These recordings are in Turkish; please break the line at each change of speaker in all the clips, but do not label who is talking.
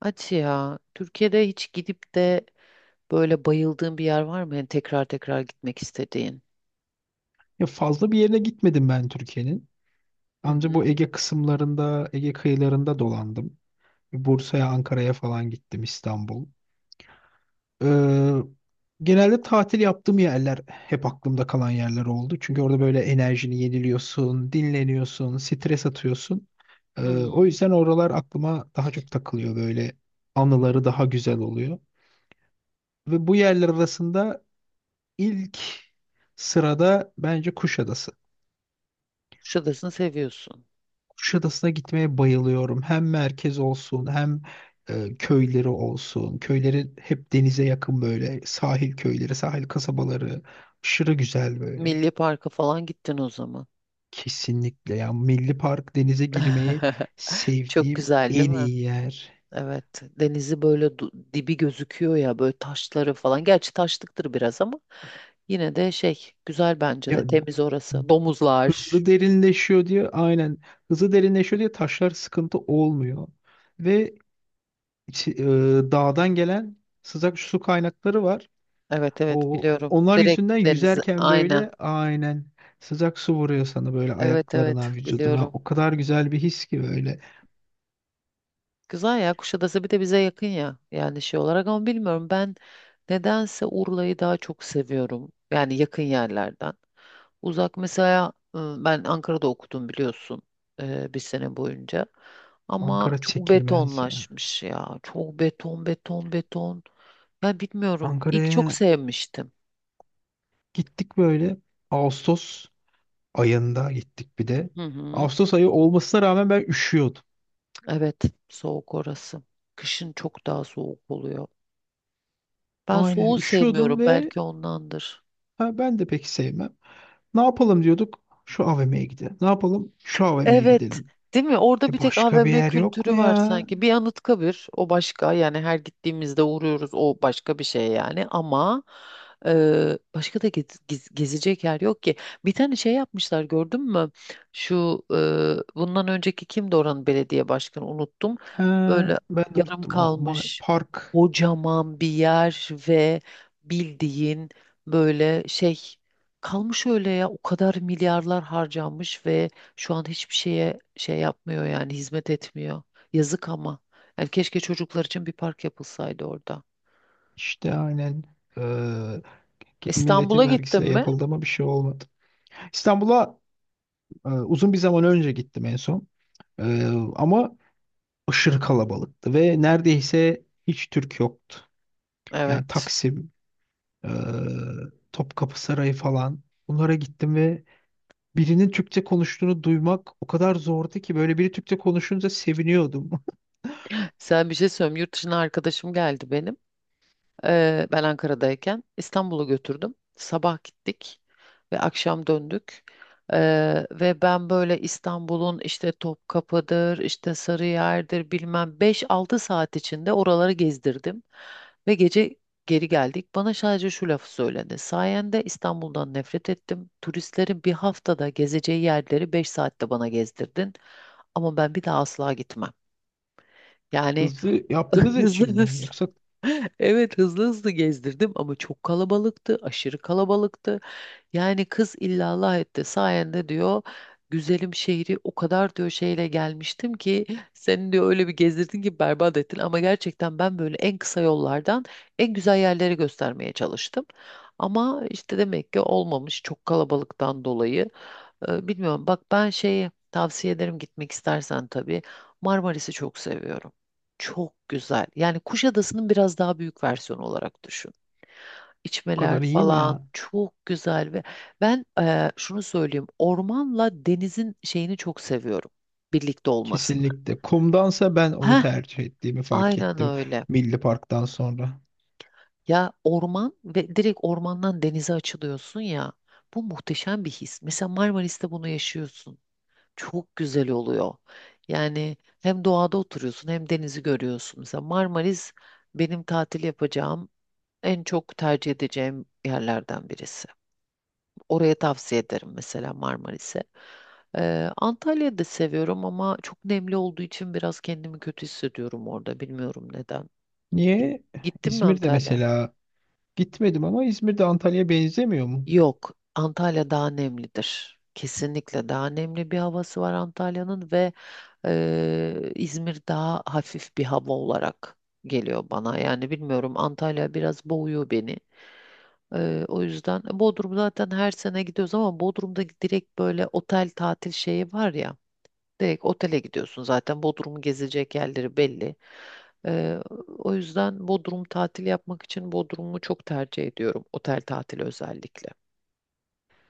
Hadi ya. Türkiye'de hiç gidip de böyle bayıldığın bir yer var mı? Yani tekrar tekrar gitmek istediğin.
Ya fazla bir yerine gitmedim ben Türkiye'nin.
Hı
Ancak
hı.
bu Ege kısımlarında, Ege kıyılarında dolandım. Bursa'ya, Ankara'ya falan gittim, İstanbul. Ee, Genelde tatil yaptığım yerler hep aklımda kalan yerler oldu. Çünkü orada böyle enerjini yeniliyorsun, dinleniyorsun, stres atıyorsun. O
Hmm.
yüzden oralar aklıma daha çok takılıyor böyle. Anıları daha güzel oluyor. Ve bu yerler arasında ilk sırada bence Kuşadası.
Kuşadası'nı seviyorsun.
Kuşadası'na gitmeye bayılıyorum. Hem merkez olsun hem köyleri olsun. Köyleri hep denize yakın böyle. Sahil köyleri, sahil kasabaları. Aşırı güzel böyle.
Milli Park'a falan gittin o zaman.
Kesinlikle ya. Milli Park denize girmeyi
Çok
sevdiğim
güzel değil
en
mi?
iyi yer.
Evet. Denizi böyle dibi gözüküyor ya böyle taşları falan. Gerçi taşlıktır biraz ama yine de şey güzel bence
Ya
de temiz orası. Domuzlar.
hızlı derinleşiyor diye aynen. Hızlı derinleşiyor diye taşlar sıkıntı olmuyor. Ve içi- e, dağdan gelen sıcak su kaynakları var.
Evet, evet,
O
biliyorum.
onlar yüzünden
Direkt denizi.
yüzerken
Aynen.
böyle aynen sıcak su vuruyor sana böyle
Evet, evet,
ayaklarına, vücuduna.
biliyorum.
O kadar güzel bir his ki böyle.
Güzel ya Kuşadası bir de bize yakın ya yani şey olarak ama bilmiyorum ben nedense Urla'yı daha çok seviyorum yani yakın yerlerden. Uzak mesela ben Ankara'da okudum biliyorsun, bir sene boyunca ama
Ankara
çok
çekilmez ya.
betonlaşmış ya çok beton beton beton ya bilmiyorum ilk çok
Ankara'ya
sevmiştim.
gittik böyle. Ağustos ayında gittik bir de.
Hı hı.
Ağustos ayı olmasına rağmen ben üşüyordum.
Evet, soğuk orası, kışın çok daha soğuk oluyor, ben
Aynen
soğuğu
üşüyordum
sevmiyorum
ve
belki ondandır.
ha, ben de pek sevmem. Ne yapalım diyorduk? Şu AVM'ye gidelim. Ne yapalım? Şu AVM'ye
Evet,
gidelim.
değil mi? Orada bir
E
tek
başka bir
AVM
yer yok mu
kültürü var
ya?
sanki. Bir Anıtkabir, o başka yani her gittiğimizde uğruyoruz o başka bir şey yani ama başka da gezecek yer yok ki. Bir tane şey yapmışlar gördün mü? Şu bundan önceki kimdi oranın belediye başkanı unuttum.
Ha,
Böyle
ben de
yarım
unuttum.
kalmış
Park.
kocaman bir yer ve bildiğin böyle şey kalmış öyle ya, o kadar milyarlar harcanmış ve şu an hiçbir şeye şey yapmıyor yani hizmet etmiyor. Yazık ama. Yani keşke çocuklar için bir park yapılsaydı orada.
İşte aynen eee milletin
İstanbul'a gittin
vergisiyle
mi?
yapıldı ama bir şey olmadı. İstanbul'a uzun bir zaman önce gittim en son. Eee, Ama aşırı kalabalıktı ve neredeyse hiç Türk yoktu. Yani
Evet.
Taksim, eee, Topkapı Sarayı falan bunlara gittim ve birinin Türkçe konuştuğunu duymak o kadar zordu ki böyle biri Türkçe konuşunca seviniyordum.
Sen bir şey söyleyeyim. Yurt dışına arkadaşım geldi benim. Ben Ankara'dayken İstanbul'a götürdüm. Sabah gittik ve akşam döndük. Ve ben böyle İstanbul'un işte Topkapı'dır, işte Sarıyer'dir bilmem beş altı saat içinde oraları gezdirdim. Ve gece geri geldik. Bana sadece şu lafı söyledi. Sayende İstanbul'dan nefret ettim. Turistlerin bir haftada gezeceği yerleri 5 saatte bana gezdirdin. Ama ben bir daha asla gitmem. Yani
Hızlı yaptığınız
hızlı
için mi?
hızlı
Yoksa bu
evet, hızlı hızlı gezdirdim ama çok kalabalıktı, aşırı kalabalıktı. Yani kız illallah etti sayende diyor, güzelim şehri o kadar diyor şeyle gelmiştim ki seni diyor öyle bir gezdirdin ki berbat ettin, ama gerçekten ben böyle en kısa yollardan en güzel yerleri göstermeye çalıştım. Ama işte demek ki olmamış çok kalabalıktan dolayı. Bilmiyorum. Bak ben şeyi tavsiye ederim gitmek istersen tabii. Marmaris'i çok seviyorum. Çok güzel. Yani Kuşadası'nın biraz daha büyük versiyonu olarak düşün. İçmeler
kadar iyi mi
falan
ya?
çok güzel ve ben, şunu söyleyeyim. Ormanla denizin şeyini çok seviyorum. Birlikte olmasını.
Kesinlikle. Kumdansa ben onu
Heh,
tercih ettiğimi fark
aynen
ettim.
öyle.
Milli Park'tan sonra.
Ya orman ve direkt ormandan denize açılıyorsun ya. Bu muhteşem bir his. Mesela Marmaris'te bunu yaşıyorsun. Çok güzel oluyor. Yani hem doğada oturuyorsun hem denizi görüyorsun. Mesela Marmaris benim tatil yapacağım en çok tercih edeceğim yerlerden birisi. Oraya tavsiye ederim mesela Marmaris'e. Antalya'yı da seviyorum ama çok nemli olduğu için biraz kendimi kötü hissediyorum orada. Bilmiyorum neden. Git-
Niye?
Gittin mi
İzmir'de
Antalya?
mesela gitmedim ama İzmir'de Antalya'ya benzemiyor mu?
Yok, Antalya daha nemlidir. Kesinlikle daha nemli bir havası var Antalya'nın ve İzmir daha hafif bir hava olarak geliyor bana. Yani bilmiyorum Antalya biraz boğuyor beni. O yüzden Bodrum zaten her sene gidiyoruz ama Bodrum'da direkt böyle otel tatil şeyi var ya. Direkt otele gidiyorsun, zaten Bodrum'u gezecek yerleri belli. Eee, O yüzden Bodrum tatil yapmak için Bodrum'u çok tercih ediyorum otel tatili özellikle.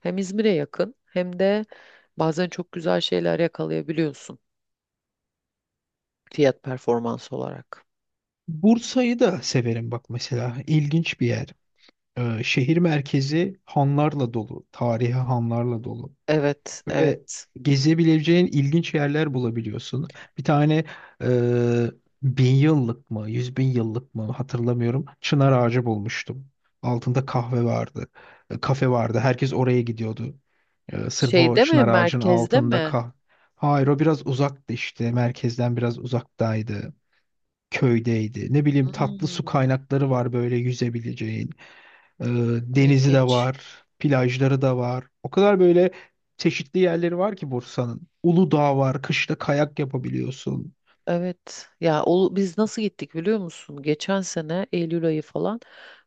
Hem İzmir'e yakın hem de bazen çok güzel şeyler yakalayabiliyorsun fiyat performans olarak.
Bursa'yı da severim bak mesela. İlginç bir yer. Şehir merkezi hanlarla dolu. Tarihi hanlarla dolu.
Evet,
Böyle
evet.
gezebileceğin ilginç yerler bulabiliyorsun. Bir tane e, bin yıllık mı, yüz bin yıllık mı hatırlamıyorum. Çınar ağacı bulmuştum. Altında kahve vardı. Kafe vardı. Herkes oraya gidiyordu. Sırf o
Şeyde mi,
çınar ağacının
merkezde
altında
mi?
kah. Hayır, o biraz uzaktı işte. Merkezden biraz uzaktaydı. Köydeydi. Ne bileyim, tatlı su
Hmm,
kaynakları var böyle yüzebileceğin. Ee, Denizi de
ilginç.
var, plajları da var. O kadar böyle çeşitli yerleri var ki Bursa'nın. Uludağ var, kışta kayak yapabiliyorsun.
Evet ya, o, biz nasıl gittik biliyor musun? Geçen sene Eylül ayı falan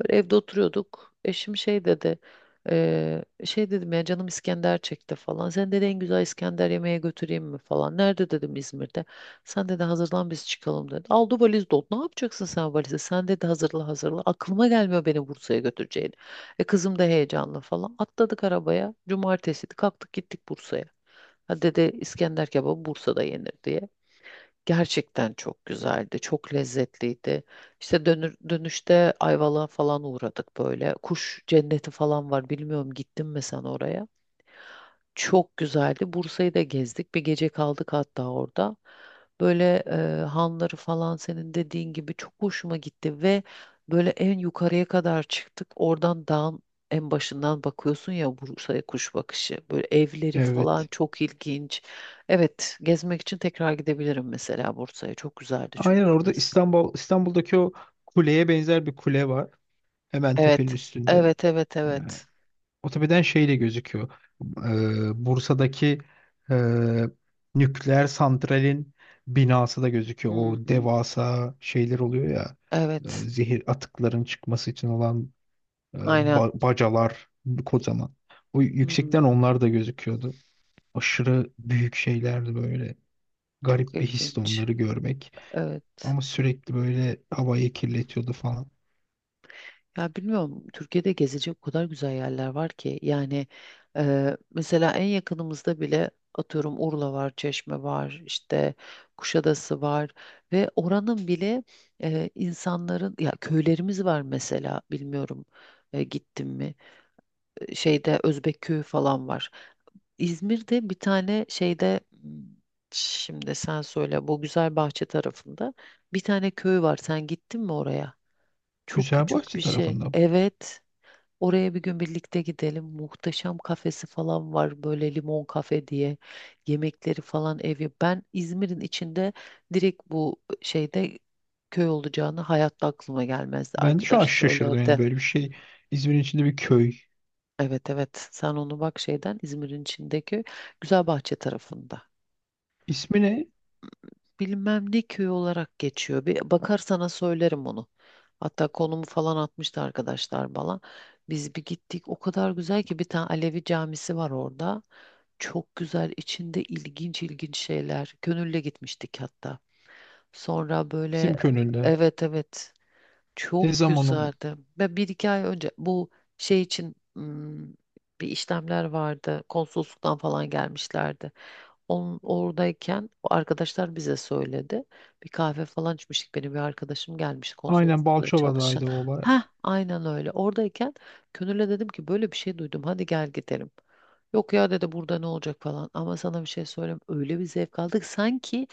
böyle evde oturuyorduk. Eşim şey dedi, şey dedim ya canım İskender çekti falan. Sen dedi en güzel İskender yemeğe götüreyim mi falan. Nerede dedim, İzmir'de. Sen dedi hazırlan biz çıkalım dedi. Aldı valiz dolu. Ne yapacaksın sen valizi? Sen dedi hazırla hazırla. Aklıma gelmiyor beni Bursa'ya götüreceğini. E kızım da heyecanlı falan. Atladık arabaya. Cumartesiydi, kalktık gittik Bursa'ya. Ha, dedi, İskender kebabı Bursa'da yenir diye. Gerçekten çok güzeldi, çok lezzetliydi. İşte dönüşte Ayvalık'a falan uğradık böyle. Kuş cenneti falan var. Bilmiyorum gittin mi sen oraya? Çok güzeldi. Bursa'yı da gezdik. Bir gece kaldık hatta orada. Böyle hanları falan senin dediğin gibi çok hoşuma gitti ve böyle en yukarıya kadar çıktık. Oradan dağın en başından bakıyorsun ya Bursa'ya kuş bakışı. Böyle evleri falan
Evet.
çok ilginç. Evet, gezmek için tekrar gidebilirim mesela Bursa'ya. Çok güzeldi çünkü
Aynen orada
orası.
İstanbul'daki o kuleye benzer bir kule var. Hemen tepenin
Evet.
üstünde.
Evet, evet,
Yani
evet.
Otobeden şey de gözüküyor. Bursa'daki e, nükleer santralin binası da gözüküyor. O
Hmm,
devasa şeyler oluyor ya.
evet,
Zehir atıkların çıkması için olan e,
aynen.
bacalar kocaman. O yüksekten
Hmm,
onlar da gözüküyordu. Aşırı büyük şeylerdi böyle.
çok
Garip bir histi
ilginç.
onları görmek.
Evet.
Ama sürekli böyle havayı kirletiyordu falan.
Ya bilmiyorum Türkiye'de gezecek o kadar güzel yerler var ki yani, mesela en yakınımızda bile atıyorum, Urla var, Çeşme var, işte Kuşadası var ve oranın bile insanların ya köylerimiz var mesela, bilmiyorum, gittim mi? Şeyde Özbek köyü falan var. İzmir'de bir tane şeyde şimdi sen söyle bu güzel bahçe tarafında bir tane köy var, sen gittin mi oraya? Çok küçük bir
Güzelbahçe
şey,
tarafında.
evet. Oraya bir gün birlikte gidelim. Muhteşem kafesi falan var böyle, limon kafe diye. Yemekleri falan evi. Ben İzmir'in içinde direkt bu şeyde köy olacağını hayatta aklıma gelmezdi.
Ben de şu an
Arkadaş
şaşırdım yani
söyledi.
böyle bir şey. İzmir'in içinde bir köy.
Evet, evet, sen onu bak şeyden İzmir'in içindeki Güzelbahçe tarafında.
İsmi ne?
Bilmem ne köyü olarak geçiyor. Bir bakar sana söylerim onu. Hatta konumu falan atmıştı arkadaşlar bana. Biz bir gittik. O kadar güzel ki, bir tane Alevi camisi var orada. Çok güzel, içinde ilginç ilginç şeyler. Gönülle gitmiştik hatta. Sonra
Bizim
böyle
Könül'de.
evet, evet,
Ne
çok
zaman o?
güzeldi. Ve bir iki ay önce bu şey için, bir işlemler vardı. Konsolosluktan falan gelmişlerdi. Oradayken o arkadaşlar bize söyledi. Bir kahve falan içmiştik. Benim bir arkadaşım gelmiş
Aynen
konsolosluğunda çalışan.
Balçova'daydı o olay.
Ha, aynen öyle. Oradayken Könül'e dedim ki böyle bir şey duydum, hadi gel gidelim. Yok ya, dedi, burada ne olacak falan. Ama sana bir şey söyleyeyim. Öyle bir zevk aldık. Sanki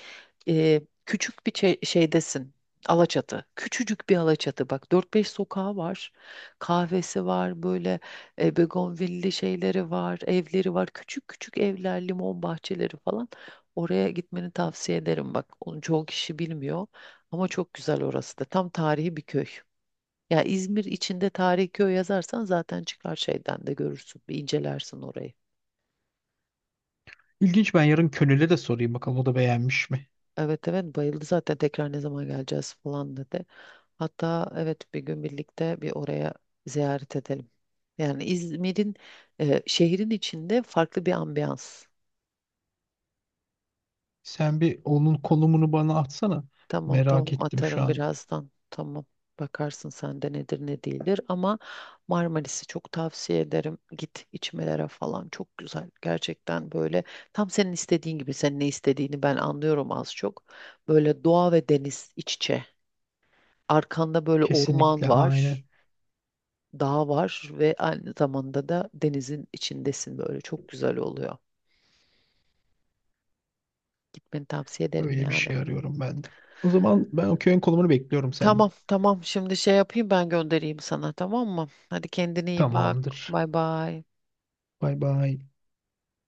küçük bir şeydesin. Alaçatı. Küçücük bir Alaçatı. Bak, dört beş sokağı var. Kahvesi var böyle, begonvilli şeyleri var, evleri var. Küçük küçük evler, limon bahçeleri falan. Oraya gitmeni tavsiye ederim. Bak, onu çoğu kişi bilmiyor ama çok güzel orası da. Tam tarihi bir köy. Ya İzmir içinde tarihi köy yazarsan zaten çıkar şeyden de, görürsün. Bir incelersin orayı.
İlginç, ben yarın Könül'e de sorayım bakalım, o da beğenmiş mi?
Evet, evet, bayıldı zaten, tekrar ne zaman geleceğiz falan dedi. Hatta evet, bir gün birlikte bir oraya ziyaret edelim. Yani İzmir'in şehrin içinde farklı bir ambiyans.
Sen bir onun konumunu bana atsana.
Tamam,
Merak
tamam,
ettim şu
atarım
an.
birazdan. Tamam. Bakarsın sende nedir ne değildir, ama Marmaris'i çok tavsiye ederim. Git içmelere falan, çok güzel. Gerçekten böyle tam senin istediğin gibi, senin ne istediğini ben anlıyorum az çok. Böyle doğa ve deniz iç içe. Arkanda böyle orman
Kesinlikle
var,
aynen.
dağ var ve aynı zamanda da denizin içindesin, böyle çok güzel oluyor. Gitmeni tavsiye ederim
Öyle bir
yani.
şey arıyorum ben de. O zaman ben o köyün konumunu bekliyorum
Tamam,
senden.
tamam, şimdi şey yapayım ben, göndereyim sana, tamam mı? Hadi kendine iyi bak.
Tamamdır.
Bay bay.
Bay bay.